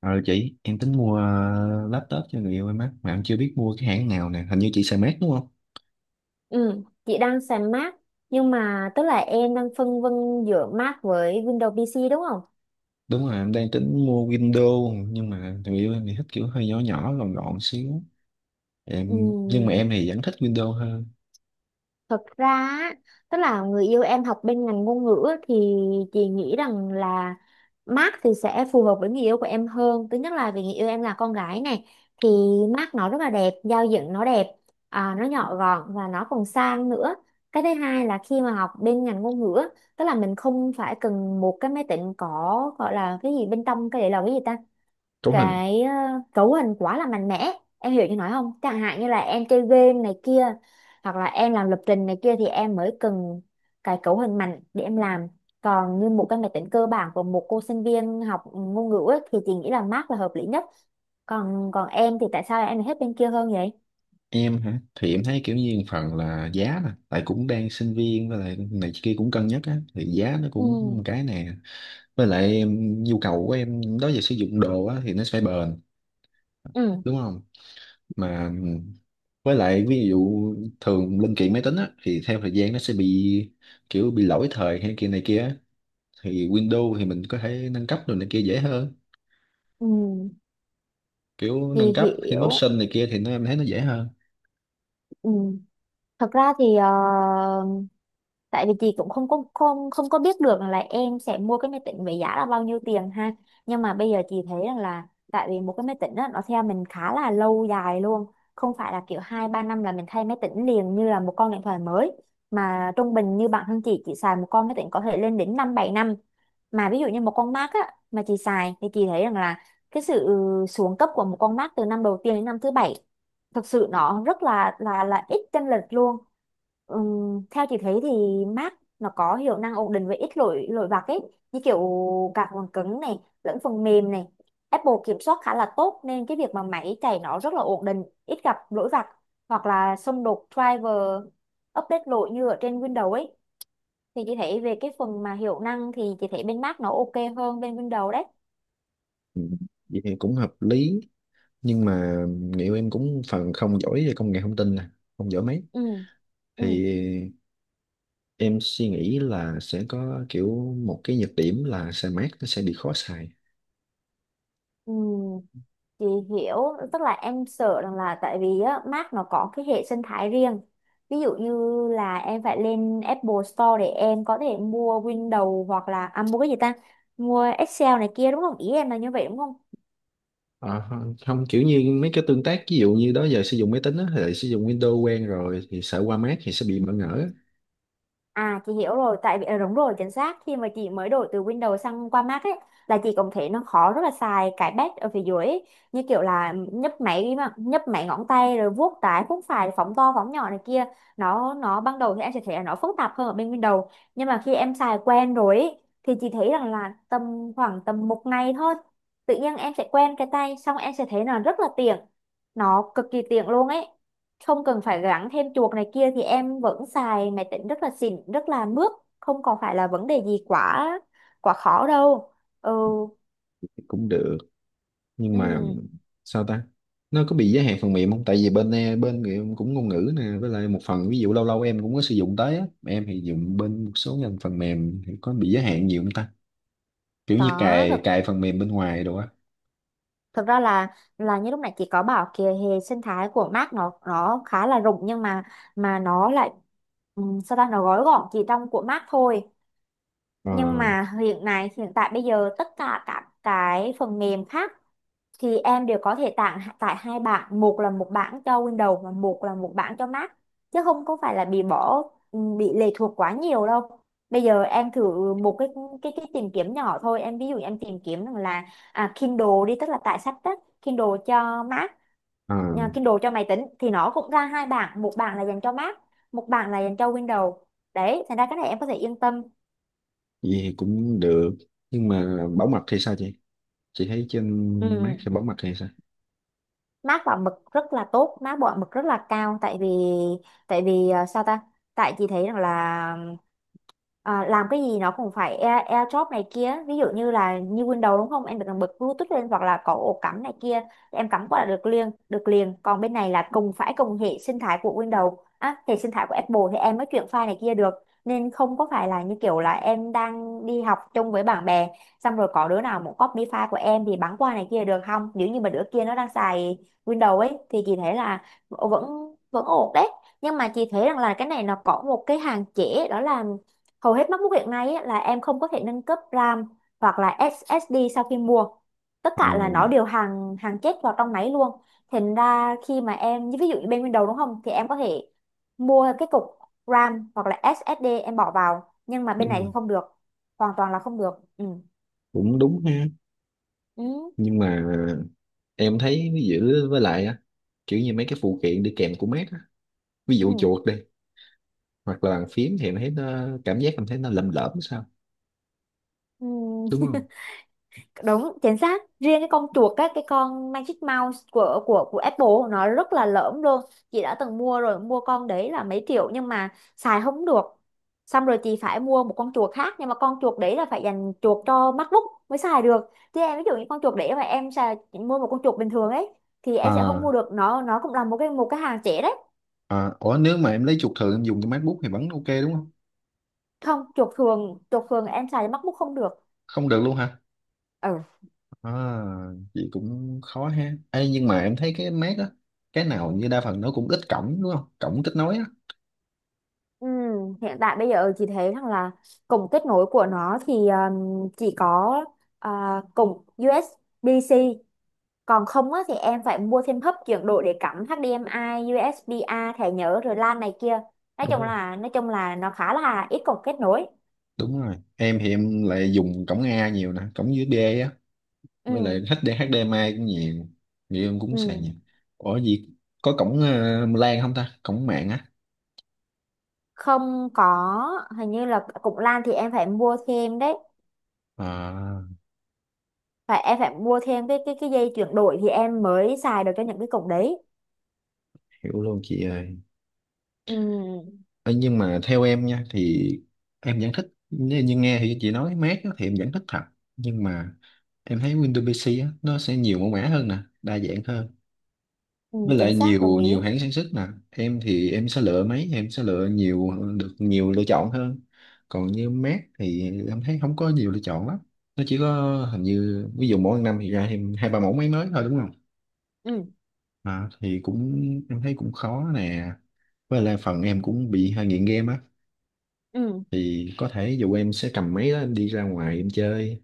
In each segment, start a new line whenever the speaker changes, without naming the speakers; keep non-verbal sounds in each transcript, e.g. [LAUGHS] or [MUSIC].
Ờ chị, em tính mua laptop cho người yêu em á, mà em chưa biết mua cái hãng nào nè, hình như chị xài Mac đúng không?
Ừ, chị đang xài Mac, nhưng mà tức là em đang phân vân giữa Mac với Windows PC đúng không?
Đúng rồi, em đang tính mua Windows, nhưng mà người yêu em thì thích kiểu hơi nhỏ nhỏ, gọn gọn xíu. Nhưng mà
Ừ,
em thì vẫn thích Windows hơn.
thật ra á, tức là người yêu em học bên ngành ngôn ngữ á, thì chị nghĩ rằng là Mac thì sẽ phù hợp với người yêu của em hơn. Thứ nhất là vì người yêu em là con gái này, thì Mac nó rất là đẹp, giao diện nó đẹp, nó nhỏ gọn và nó còn sang nữa. Cái thứ hai là khi mà học bên ngành ngôn ngữ á, tức là mình không phải cần một cái máy tính có gọi là cái gì bên trong, cái để là cái gì ta,
Cấu hình.
cái cấu hình quá là mạnh mẽ. Em hiểu như nói không, chẳng hạn như là em chơi game này kia, hoặc là em làm lập trình này kia, thì em mới cần cái cấu hình mạnh để em làm. Còn như một cái máy tính cơ bản của một cô sinh viên học ngôn ngữ ấy, thì chị nghĩ là Mac là hợp lý nhất. Còn còn em thì tại sao em lại hết bên kia hơn vậy?
Em hả? Thì em thấy kiểu như một phần là giá nè, tại cũng đang sinh viên với lại này kia cũng cân nhắc á, thì giá nó
Ừ.
cũng một cái nè. Với lại nhu cầu của em đó giờ sử dụng đồ á, thì nó phải bền,
Ừ.
đúng không? Mà với lại ví dụ thường linh kiện máy tính á, thì theo thời gian nó sẽ bị kiểu bị lỗi thời hay kia này kia á. Thì Windows thì mình có thể nâng cấp rồi này kia dễ hơn,
Ừ,
kiểu
chị
nâng cấp thêm
hiểu.
option này kia thì nó em thấy nó dễ hơn.
Ừ, thật ra thì tại vì chị cũng không có biết được là em sẽ mua cái máy tính với giá là bao nhiêu tiền ha, nhưng mà bây giờ chị thấy rằng là tại vì một cái máy tính đó, nó theo mình khá là lâu dài luôn, không phải là kiểu 2-3 năm là mình thay máy tính liền như là một con điện thoại mới, mà trung bình như bản thân chị xài một con máy tính có thể lên đến 5-7 năm. Mà ví dụ như một con Mac á, mà chị xài thì chị thấy rằng là cái sự xuống cấp của một con Mac từ năm đầu tiên đến năm thứ bảy thực sự nó rất là ít chênh lệch luôn. Theo chị thấy thì Mac nó có hiệu năng ổn định với ít lỗi lỗi vặt ấy, như kiểu cả phần cứng này lẫn phần mềm này, Apple kiểm soát khá là tốt nên cái việc mà máy chạy nó rất là ổn định, ít gặp lỗi vặt hoặc là xung đột driver, update lỗi như ở trên Windows ấy. Thì chị thấy về cái phần mà hiệu năng thì chị thấy bên Mac nó ok hơn bên Windows đấy.
Ừ, vậy thì cũng hợp lý. Nhưng mà liệu em cũng phần không giỏi về công nghệ thông tin nè, không giỏi mấy,
Ừ.
thì
Ừ.
em suy nghĩ là sẽ có kiểu một cái nhược điểm là xe mát nó sẽ bị khó xài.
Ừ, chị hiểu, tức là em sợ rằng là tại vì á, Mac nó có cái hệ sinh thái riêng. Ví dụ như là em phải lên Apple Store để em có thể mua Windows hoặc là mua cái gì ta? Mua Excel này kia đúng không? Ý em là như vậy đúng không?
Ờ, Không không, kiểu như mấy cái tương tác ví dụ như đó giờ sử dụng máy tính á, thì lại sử dụng Windows quen rồi thì sợ qua Mac thì sẽ bị bỡ ngỡ.
À chị hiểu rồi, tại vì đúng rồi, chính xác, khi mà chị mới đổi từ Windows sang qua Mac ấy, là chị cũng thấy nó khó, rất là xài cái pad ở phía dưới ấy. Như kiểu là nhấp máy mà nhấp máy ngón tay rồi vuốt trái vuốt phải phóng to phóng nhỏ này kia, nó ban đầu thì em sẽ thấy là nó phức tạp hơn ở bên Windows, nhưng mà khi em xài quen rồi ấy, thì chị thấy rằng là tầm khoảng tầm một ngày thôi, tự nhiên em sẽ quen cái tay xong em sẽ thấy là rất là tiện, nó cực kỳ tiện luôn ấy, không cần phải gắn thêm chuột này kia thì em vẫn xài máy tính rất là xịn rất là mướt, không còn phải là vấn đề gì quá quá khó đâu. Ừ.
Thì cũng được, nhưng mà
Ừ,
sao ta, nó có bị giới hạn phần mềm không, tại vì bên bên em cũng ngôn ngữ nè, với lại một phần ví dụ lâu lâu em cũng có sử dụng tới á, em thì dùng bên một số ngành phần mềm thì có bị giới hạn nhiều không ta, kiểu như
có thực
cài cài phần mềm bên ngoài đồ á.
thực ra là như lúc nãy chị có bảo kìa, hệ sinh thái của Mac nó khá là rộng, nhưng mà nó lại, sao ta, nó gói gọn chỉ trong của Mac thôi,
ờ
nhưng mà hiện nay hiện tại bây giờ tất cả các cái phần mềm khác thì em đều có thể tặng tại hai bảng, một là một bảng cho Windows và một là một bảng cho Mac, chứ không có phải là bị bỏ, bị lệ thuộc quá nhiều đâu. Bây giờ em thử một cái cái tìm kiếm nhỏ thôi, em ví dụ em tìm kiếm rằng là Kindle đi, tức là tải sách đó. Kindle cho Mac,
ờ,
Kindle cho máy tính, thì nó cũng ra hai bảng, một bảng là dành cho Mac, một bảng là dành cho Windows. Đấy, thành ra cái này em có thể yên tâm.
Vậy thì cũng được. Nhưng mà bảo mật thì sao chị thấy trên Mac
Ừ.
thì bảo mật thì sao?
Mác bảo mực rất là tốt, mác bảo mực rất là cao, tại vì sao ta, tại chị thấy rằng là làm cái gì nó cũng phải Air, AirDrop này kia, ví dụ như là như Windows đúng không, em phải cần bật Bluetooth lên hoặc là có ổ cắm này kia, em cắm qua là được liền được liền, còn bên này là cùng phải cùng hệ sinh thái của Windows á, hệ sinh thái của Apple thì em mới chuyển file này kia được, nên không có phải là như kiểu là em đang đi học chung với bạn bè, xong rồi có đứa nào muốn copy file của em thì bắn qua này kia được không, nếu như mà đứa kia nó đang xài Windows ấy, thì chị thấy là vẫn vẫn ổn đấy. Nhưng mà chị thấy rằng là cái này nó có một cái hạn chế đó là hầu hết MacBook hiện nay ấy, là em không có thể nâng cấp RAM hoặc là SSD sau khi mua. Tất
Ờ,
cả là nó đều hàng hàng chết vào trong máy luôn. Thành ra khi mà em, như ví dụ như bên Windows đúng không, thì em có thể mua cái cục RAM hoặc là SSD em bỏ vào, nhưng mà bên này thì
đúng.
không được. Hoàn toàn là không được. Ừ.
Cũng đúng ha.
Ừ.
Nhưng mà em thấy ví dụ, với lại á kiểu như mấy cái phụ kiện đi kèm của Mac á, ví dụ
Ừ.
chuột đi, hoặc là bàn phím thì em thấy nó cảm giác em thấy nó lầm lỡm sao,
Ừ,
đúng không?
đúng chính xác, riêng cái con chuột á, cái con Magic Mouse của Apple nó rất là lởm luôn. Chị đã từng mua rồi, mua con đấy là mấy triệu, nhưng mà xài không được. Xong rồi chị phải mua một con chuột khác, nhưng mà con chuột đấy là phải dành chuột cho MacBook mới xài được. Chứ em ví dụ như con chuột đấy mà em xài, mua một con chuột bình thường ấy, thì em sẽ không
à,
mua được, nó cũng là một cái, một cái hàng trẻ đấy.
Ủa nếu mà em lấy chuột thường em dùng cái MacBook thì vẫn ok đúng không?
Không, chuột thường, chuột thường em xài cho MacBook không được.
Không được luôn hả?
Ừ.
à, Vậy cũng khó ha. Ê, nhưng mà em thấy cái Mac á, cái nào như đa phần nó cũng ít cổng đúng không, cổng kết nối á?
Ừ, hiện tại bây giờ chị thấy rằng là cổng kết nối của nó thì chỉ có cổng USB-C, còn không á, thì em phải mua thêm hub chuyển đổi để cắm HDMI, USB-A, thẻ nhớ rồi LAN này kia. nói
Đúng
chung
rồi,
là nói chung là nó khá là ít cổng kết nối.
đúng rồi, em thì em lại dùng cổng A nhiều nè, cổng USB á, với lại
Ừ.
HD mai cũng nhiều, người yêu em cũng xài
Ừ.
nhiều. Ủa gì, có cổng LAN không ta, cổng mạng á?
Không có, hình như là cổng LAN thì em phải mua thêm đấy,
à,
phải em phải mua thêm cái cái dây chuyển đổi thì em mới xài được cho những cái cổng đấy.
Hiểu luôn chị ơi.
Ừ.
Ê, nhưng mà theo em nha thì em vẫn thích, nếu như nghe thì chị nói mát á, thì em vẫn thích thật. Nhưng mà em thấy Windows PC á, nó sẽ nhiều mẫu mã hơn nè, đa dạng hơn,
Ừ,
với
chính
lại
xác, đồng
nhiều
ý.
nhiều hãng sản xuất nè, em thì em sẽ lựa mấy, em sẽ lựa nhiều, được nhiều lựa chọn hơn. Còn như Mac thì em thấy không có nhiều lựa chọn lắm, nó chỉ có hình như ví dụ mỗi năm thì ra thêm hai ba mẫu máy mới thôi đúng không?
Ừ.
Thì cũng em thấy cũng khó nè, với lại phần em cũng bị hơi nghiện game á,
Ừ.
thì có thể dù em sẽ cầm máy đó em đi ra ngoài em chơi,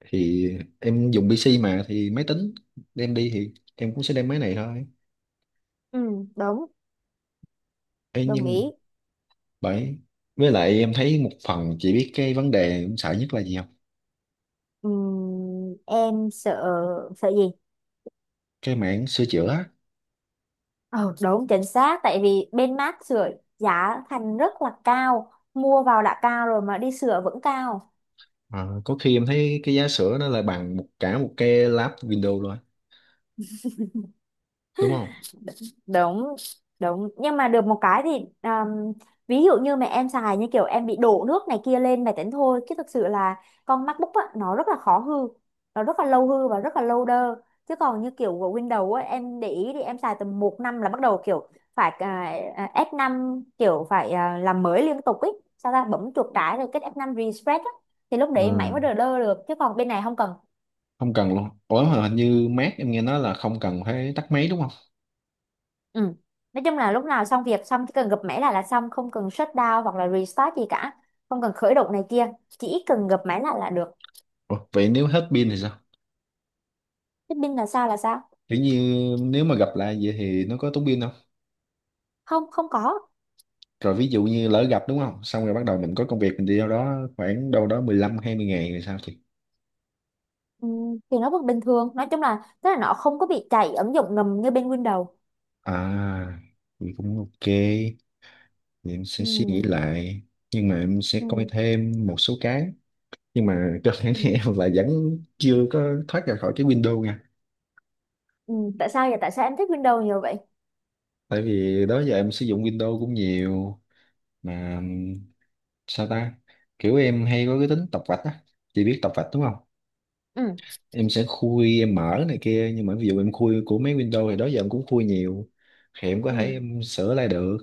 thì em dùng PC mà thì máy tính đem đi thì em cũng sẽ đem máy này thôi.
Ừ, đúng,
Ê,
đồng
nhưng
ý.
bởi với lại em thấy một phần, chị biết cái vấn đề em sợ nhất là gì không?
Em sợ, sợ gì?
Cái mảng sửa chữa á.
Ờ, đúng chính xác, tại vì bên mát sưởi giá thành rất là cao, mua vào đã cao rồi mà đi sửa vẫn cao.
Ờ, có khi em thấy cái giá sửa nó là bằng một, cả một cái lab Windows luôn á, đúng không?
Đúng. Đúng, nhưng mà được một cái thì um, ví dụ như mà em xài, như kiểu em bị đổ nước này kia lên máy tính thôi, chứ thực sự là con MacBook á, nó rất là khó hư, nó rất là lâu hư và rất là lâu đơ. Chứ còn như kiểu của Windows á, em để ý thì em xài tầm một năm là bắt đầu kiểu phải F năm, kiểu phải làm mới liên tục ấy, sao ta, bấm chuột trái rồi kết F năm refresh á, thì lúc
Ừ.
đấy máy mới đờ đơ được, chứ còn bên này không cần.
Không cần luôn. Ủa mà hình như Mac em nghe nói là không cần phải tắt máy đúng không?
Ừ. Nói chung là lúc nào xong việc xong chỉ cần gập máy lại là xong, không cần shut down hoặc là restart gì cả, không cần khởi động này kia, chỉ cần gập máy lại là được.
Ủa, vậy nếu hết pin thì sao?
Thế pin là sao, là sao?
Kiểu như nếu mà gặp lại vậy thì nó có tốn pin không?
Không, không có.
Rồi ví dụ như lỡ gặp đúng không, xong rồi bắt đầu mình có công việc mình đi đâu đó khoảng đâu đó 15-20 ngày rồi sao thì?
Ừ, thì nó vẫn bình thường, nói chung là tức là nó không có bị chạy ứng dụng ngầm như bên Windows.
à thì cũng ok, thì em
Ừ.
sẽ suy nghĩ lại. Nhưng mà em sẽ coi
Ừ.
thêm một số cái, nhưng mà [LAUGHS] cơ bản thì
Ừ.
em là vẫn chưa có thoát ra khỏi cái Windows nha.
Ừ, tại sao vậy, tại sao em thích Windows nhiều vậy?
Tại vì đó giờ em sử dụng Windows cũng nhiều mà. Sao ta, kiểu em hay có cái tính tập vạch á, chị biết tập vạch đúng không?
Ừ.
Em sẽ khui em mở này kia, nhưng mà ví dụ em khui của mấy Windows thì đó giờ em cũng khui nhiều, thì em có
Ừ,
thể em sửa lại được.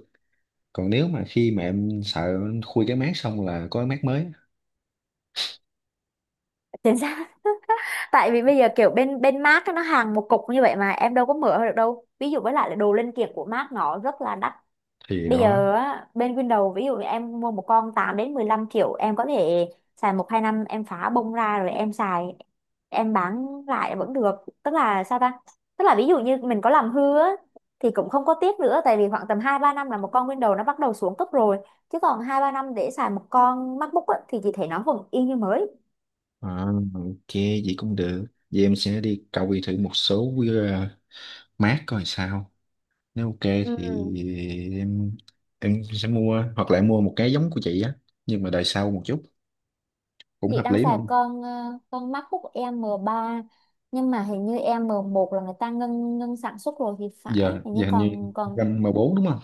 Còn nếu mà khi mà em sợ em khui cái mát xong là có cái mát mới,
chính xác. [LAUGHS] Tại vì bây giờ kiểu bên bên Mac á, nó hàng một cục như vậy mà em đâu có mở được đâu, ví dụ với lại là đồ linh kiện của Mac nó rất là đắt.
thì
Bây
đó.
giờ á, bên Windows ví dụ như em mua một con 8 đến 15 triệu, em có thể xài 1-2 năm, em phá bông ra rồi em xài, em bán lại vẫn được. Tức là sao ta, tức là ví dụ như mình có làm hư á, thì cũng không có tiếc nữa, tại vì khoảng tầm 2-3 năm là một con Windows nó bắt đầu xuống cấp rồi, chứ còn 2-3 năm để xài một con MacBook á, thì chị thấy nó vẫn y như mới.
À, ok, vậy cũng được. Vậy em sẽ đi cầu thử một số QR mát coi sao. Nếu ok
Ừ.
thì em em sẽ mua, hoặc là em mua một cái giống của chị á, nhưng mà đời sau một chút cũng
Chị
hợp
đang
lý mà.
xài con con MacBook M ba, nhưng mà hình như M một là người ta ngưng ngưng sản xuất rồi thì phải,
Giờ
hình như
giờ hình như
còn còn
gam M4 đúng không?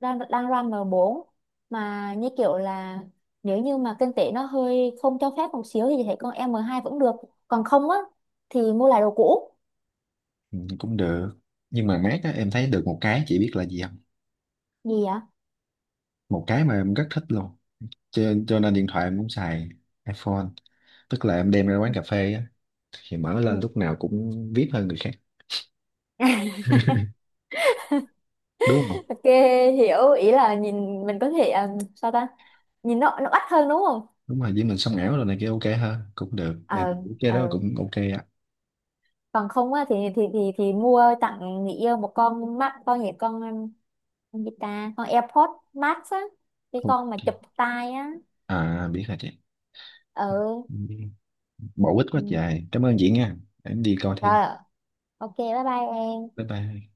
đang đang run M4, mà như kiểu là nếu như mà kinh tế nó hơi không cho phép một xíu thì chị thấy con M2 vẫn được, còn không á thì mua lại đồ cũ.
Ừ, cũng được. Nhưng mà mát á em thấy được một cái chị biết là gì không?
Gì ạ?
Một cái mà em rất thích luôn. Cho, cho nên điện thoại em cũng xài iPhone, tức là em đem ra quán
Ừ.
cà phê á thì mở lên
Ừ.
lúc nào cũng VIP hơn người khác,
[LAUGHS]
đúng không?
Ok, hiểu ý là nhìn mình có thể sao ta, nhìn nó bắt hơn đúng không?
Đúng rồi, với mình sống ảo rồi này kia, ok ha, cũng được.
Ờ.
Cái đó
Ờ,
cũng ok á.
còn không á thì mua tặng người yêu một con mắt, con gì, con gì ta, con AirPods Max á, cái
Ok.
con mà chụp tai á.
Biết rồi chị,
Ừ.
bổ ích quá
Ừ.
trời, cảm ơn chị nha, em đi coi thêm,
Rồi. Ok, bye bye em.
bye bye.